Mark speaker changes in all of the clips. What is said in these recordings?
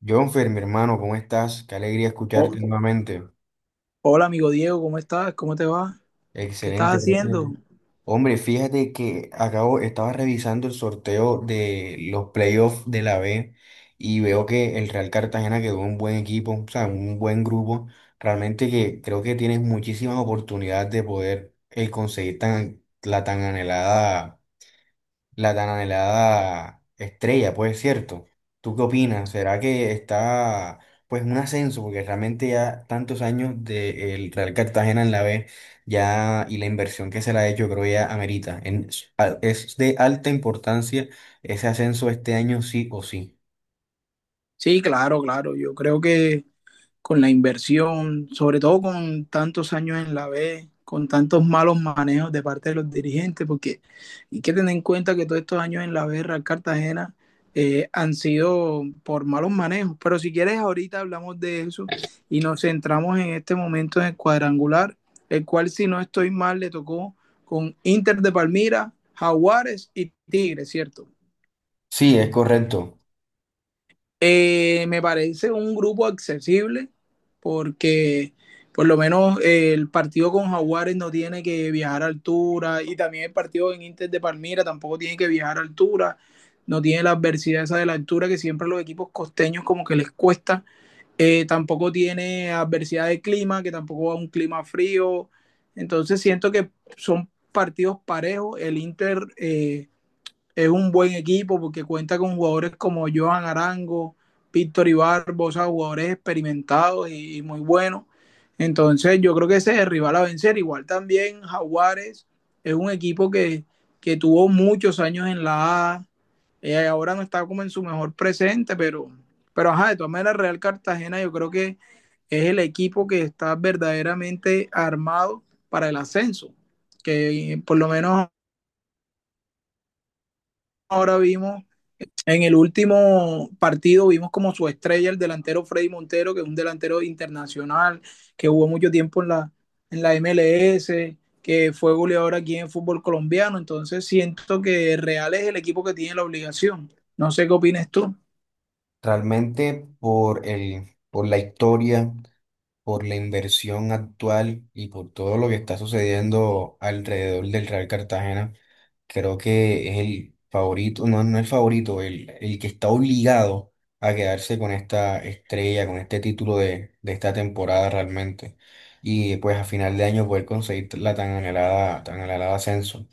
Speaker 1: Jonfer, mi hermano, ¿cómo estás? Qué alegría escucharte
Speaker 2: Oh,
Speaker 1: nuevamente.
Speaker 2: hola, amigo Diego, ¿cómo estás? ¿Cómo te va? ¿Qué estás
Speaker 1: Excelente, gracias.
Speaker 2: haciendo?
Speaker 1: Hombre, fíjate que acabo, estaba revisando el sorteo de los playoffs de la B y veo que el Real Cartagena quedó un buen equipo, o sea, un buen grupo. Realmente que creo que tienes muchísimas oportunidades de poder conseguir la tan anhelada. La tan anhelada estrella, pues cierto. ¿Tú qué opinas? ¿Será que está pues un ascenso? Porque realmente ya tantos años del Real Cartagena en la B ya y la inversión que se le ha hecho creo ya amerita. Es de alta importancia ese ascenso este año sí o sí.
Speaker 2: Sí, claro, claro. Yo creo que con la inversión, sobre todo con tantos años en la B, con tantos malos manejos de parte de los dirigentes, porque hay que tener en cuenta que todos estos años en la B, Real Cartagena, han sido por malos manejos. Pero si quieres, ahorita hablamos de eso y nos centramos en este momento en el cuadrangular, el cual, si no estoy mal, le tocó con Inter de Palmira, Jaguares y Tigres, ¿cierto?
Speaker 1: Sí, es correcto.
Speaker 2: Me parece un grupo accesible porque por lo menos el partido con Jaguares no tiene que viajar a altura, y también el partido en Inter de Palmira tampoco tiene que viajar a altura, no tiene la adversidad esa de la altura que siempre a los equipos costeños como que les cuesta. Tampoco tiene adversidad de clima, que tampoco va a un clima frío, entonces siento que son partidos parejos. El Inter, es un buen equipo porque cuenta con jugadores como Johan Arango, Víctor Ibarbo, o sea, jugadores experimentados y muy buenos. Entonces, yo creo que ese es el rival a vencer. Igual también Jaguares es un equipo que tuvo muchos años en la A. Ahora no está como en su mejor presente, pero ajá, de todas maneras, Real Cartagena yo creo que es el equipo que está verdaderamente armado para el ascenso. Que por lo menos ahora vimos, en el último partido vimos como su estrella el delantero Freddy Montero, que es un delantero internacional, que jugó mucho tiempo en la MLS, que fue goleador aquí en el fútbol colombiano. Entonces siento que Real es el equipo que tiene la obligación. No sé qué opinas tú.
Speaker 1: Realmente por la historia, por la inversión actual y por todo lo que está sucediendo alrededor del Real Cartagena, creo que es el favorito, no el favorito, el que está obligado a quedarse con esta estrella, con este título de esta temporada realmente. Y pues a final de año poder conseguir tan anhelada ascenso.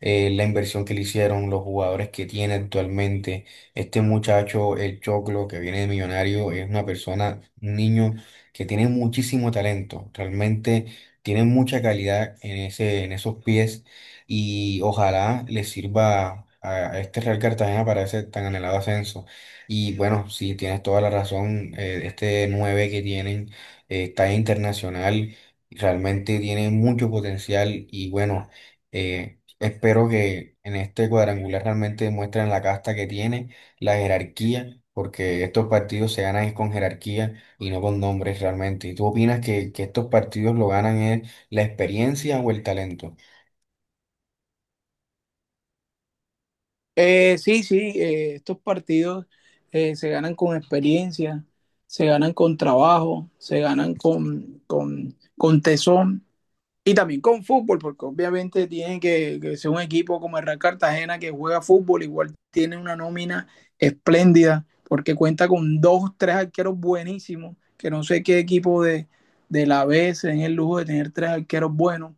Speaker 1: La inversión que le hicieron, los jugadores que tiene actualmente. Este muchacho, el Choclo, que viene de Millonario, es una persona, un niño que tiene muchísimo talento, realmente tiene mucha calidad en en esos pies y ojalá le sirva a este Real Cartagena para ese tan anhelado ascenso. Y bueno, sí, tienes toda la razón, este 9 que tienen está internacional, realmente tiene mucho potencial y bueno, espero que en este cuadrangular realmente demuestren la casta que tiene, la jerarquía, porque estos partidos se ganan con jerarquía y no con nombres realmente. ¿Y tú opinas que estos partidos lo ganan es la experiencia o el talento?
Speaker 2: Sí, sí, estos partidos se ganan con experiencia, se ganan con trabajo, se ganan con tesón. Y también con fútbol, porque obviamente tiene que ser un equipo como el Real Cartagena que juega fútbol. Igual tiene una nómina espléndida, porque cuenta con dos, tres arqueros buenísimos, que no sé qué equipo de la B se den el lujo de tener tres arqueros buenos.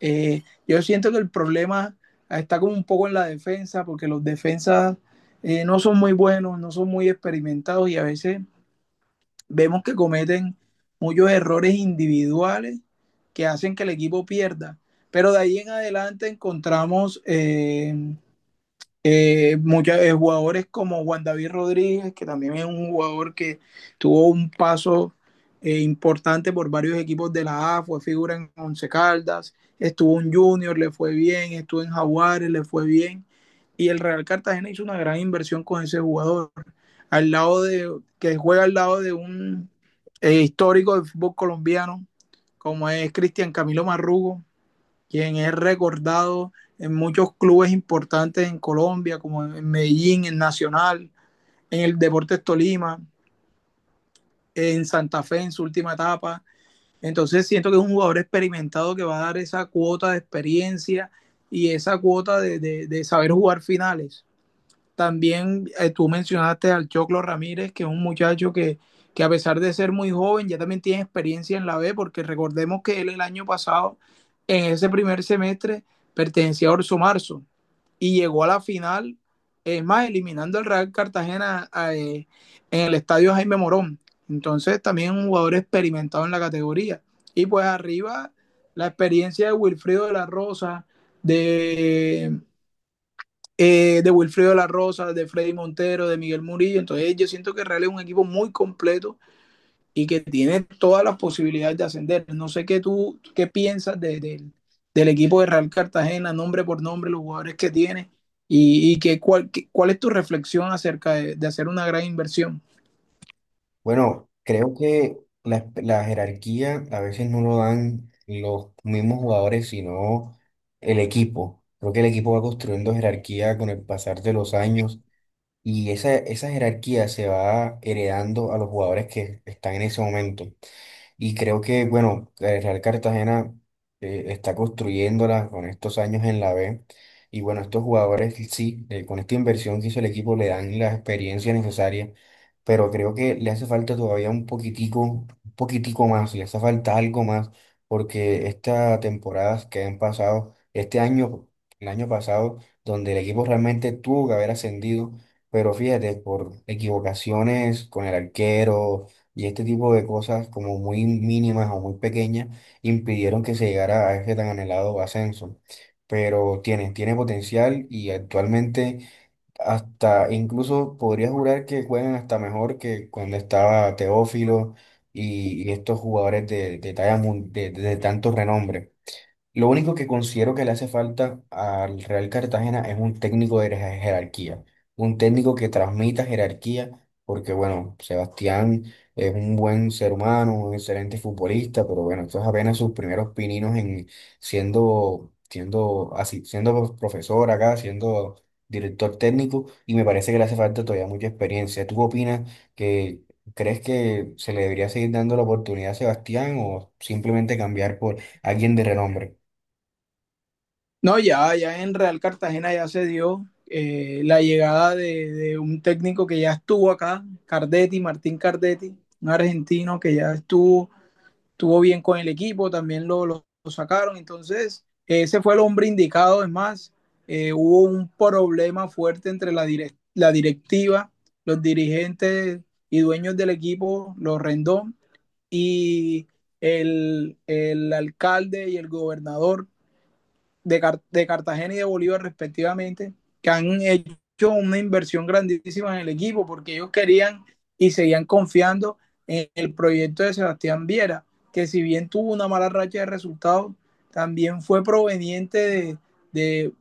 Speaker 2: Yo siento que el problema está como un poco en la defensa, porque los defensas no son muy buenos, no son muy experimentados y a veces vemos que cometen muchos errores individuales que hacen que el equipo pierda. Pero de ahí en adelante encontramos jugadores como Juan David Rodríguez, que también es un jugador que tuvo un paso importante por varios equipos de la A, fue figura en Once Caldas, estuvo en Junior, le fue bien, estuvo en Jaguares, le fue bien, y el Real Cartagena hizo una gran inversión con ese jugador, al lado de, que juega al lado de un histórico del fútbol colombiano, como es Cristian Camilo Marrugo, quien es recordado en muchos clubes importantes en Colombia, como en Medellín, en Nacional, en el Deportes Tolima, en Santa Fe en su última etapa. Entonces siento que es un jugador experimentado que va a dar esa cuota de experiencia y esa cuota de saber jugar finales. También tú mencionaste al Choclo Ramírez, que es un muchacho que a pesar de ser muy joven, ya también tiene experiencia en la B, porque recordemos que él el año pasado, en ese primer semestre, pertenecía a Orso Marzo y llegó a la final, es más, eliminando al Real Cartagena en el estadio Jaime Morón. Entonces, también un jugador experimentado en la categoría. Y pues arriba, la experiencia de Wilfrido de la Rosa, de de Wilfrido La Rosa, de Freddy Montero, de Miguel Murillo. Entonces yo siento que Real es un equipo muy completo y que tiene todas las posibilidades de ascender. No sé qué tú qué piensas del equipo de Real Cartagena, nombre por nombre, los jugadores que tiene y cuál es tu reflexión acerca hacer una gran inversión.
Speaker 1: Bueno, creo que la jerarquía a veces no lo dan los mismos jugadores, sino el equipo. Creo que el equipo va construyendo jerarquía con el pasar de los años y esa jerarquía se va heredando a los jugadores que están en ese momento. Y creo que, bueno, el Real Cartagena está construyéndola con estos años en la B. Y bueno, estos jugadores, sí, con esta inversión que hizo el equipo le dan la experiencia necesaria, pero creo que le hace falta todavía un poquitico más, le hace falta algo más, porque estas temporadas que han pasado, este año, el año pasado, donde el equipo realmente tuvo que haber ascendido, pero fíjate, por equivocaciones con el arquero y este tipo de cosas como muy mínimas o muy pequeñas impidieron que se llegara a ese tan anhelado ascenso. Pero tiene, tiene potencial y actualmente hasta incluso podría jurar que juegan hasta mejor que cuando estaba Teófilo y estos jugadores talla de tanto renombre. Lo único que considero que le hace falta al Real Cartagena es un técnico de jerarquía, un técnico que transmita jerarquía, porque bueno, Sebastián es un buen ser humano, un excelente futbolista, pero bueno, esto es apenas sus primeros pininos en siendo, siendo así, siendo profesor acá, siendo director técnico, y me parece que le hace falta todavía mucha experiencia. ¿Tú opinas que crees que se le debería seguir dando la oportunidad a Sebastián o simplemente cambiar por alguien de renombre?
Speaker 2: No, ya, Ya en Real Cartagena ya se dio la llegada de un técnico que ya estuvo acá, Cardetti, Martín Cardetti, un argentino que ya estuvo, tuvo bien con el equipo, también lo sacaron. Entonces ese fue el hombre indicado, es más, hubo un problema fuerte entre la directiva, los dirigentes y dueños del equipo, los Rendón, y el alcalde y el gobernador de, Car de Cartagena y de Bolívar respectivamente, que han hecho una inversión grandísima en el equipo porque ellos querían y seguían confiando en el proyecto de Sebastián Viera, que si bien tuvo una mala racha de resultados, también fue proveniente de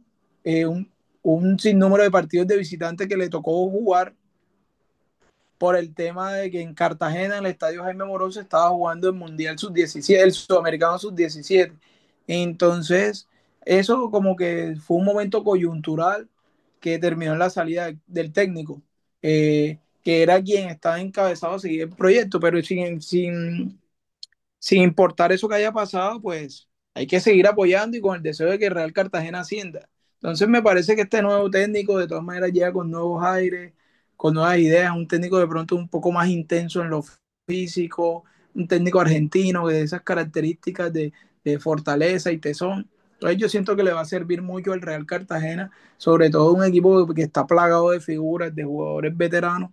Speaker 2: eh, un, un sinnúmero de partidos de visitantes que le tocó jugar por el tema de que en Cartagena, en el estadio Jaime Morón, se estaba jugando el Mundial Sub-17, el Sudamericano Sub-17. Entonces, eso como que fue un momento coyuntural que terminó en la salida del técnico, que era quien estaba encabezado a seguir el proyecto, pero sin importar eso que haya pasado, pues hay que seguir apoyando y con el deseo de que Real Cartagena ascienda. Entonces me parece que este nuevo técnico de todas maneras llega con nuevos aires, con nuevas ideas, un técnico de pronto un poco más intenso en lo físico, un técnico argentino de esas características de fortaleza y tesón. Entonces yo siento que le va a servir mucho al Real Cartagena, sobre todo un equipo que está plagado de figuras, de jugadores veteranos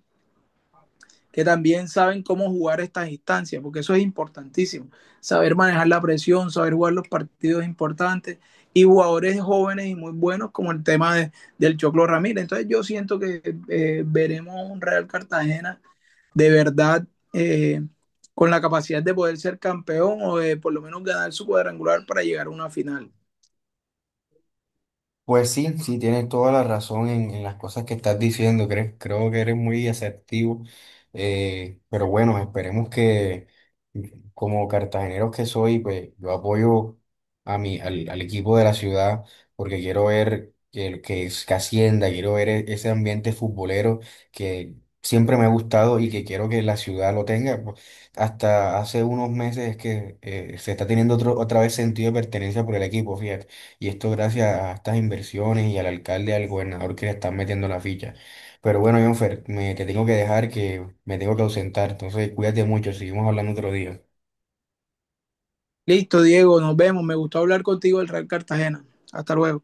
Speaker 2: que también saben cómo jugar estas instancias, porque eso es importantísimo. Saber manejar la presión, saber jugar los partidos importantes y jugadores jóvenes y muy buenos como el tema del Choclo Ramírez. Entonces yo siento que veremos un Real Cartagena de verdad eh, con la capacidad de poder ser campeón o de por lo menos ganar su cuadrangular para llegar a una final.
Speaker 1: Pues sí, sí, tienes toda la razón en las cosas que estás diciendo. Creo, creo que eres muy asertivo. Eh, pero bueno, esperemos que, como cartagenero que soy, pues yo apoyo al equipo de la ciudad porque quiero ver que ascienda, quiero ver ese ambiente futbolero que siempre me ha gustado y que quiero que la ciudad lo tenga. Pues, hasta hace unos meses es que se está teniendo otra vez sentido de pertenencia por el equipo, fíjate. Y esto gracias a estas inversiones y al alcalde y al gobernador que le están metiendo la ficha. Pero bueno, Jonfer, me te tengo que dejar que me tengo que ausentar. Entonces, cuídate mucho, seguimos hablando otro día.
Speaker 2: Listo, Diego, nos vemos. Me gustó hablar contigo del Real Cartagena. Hasta luego.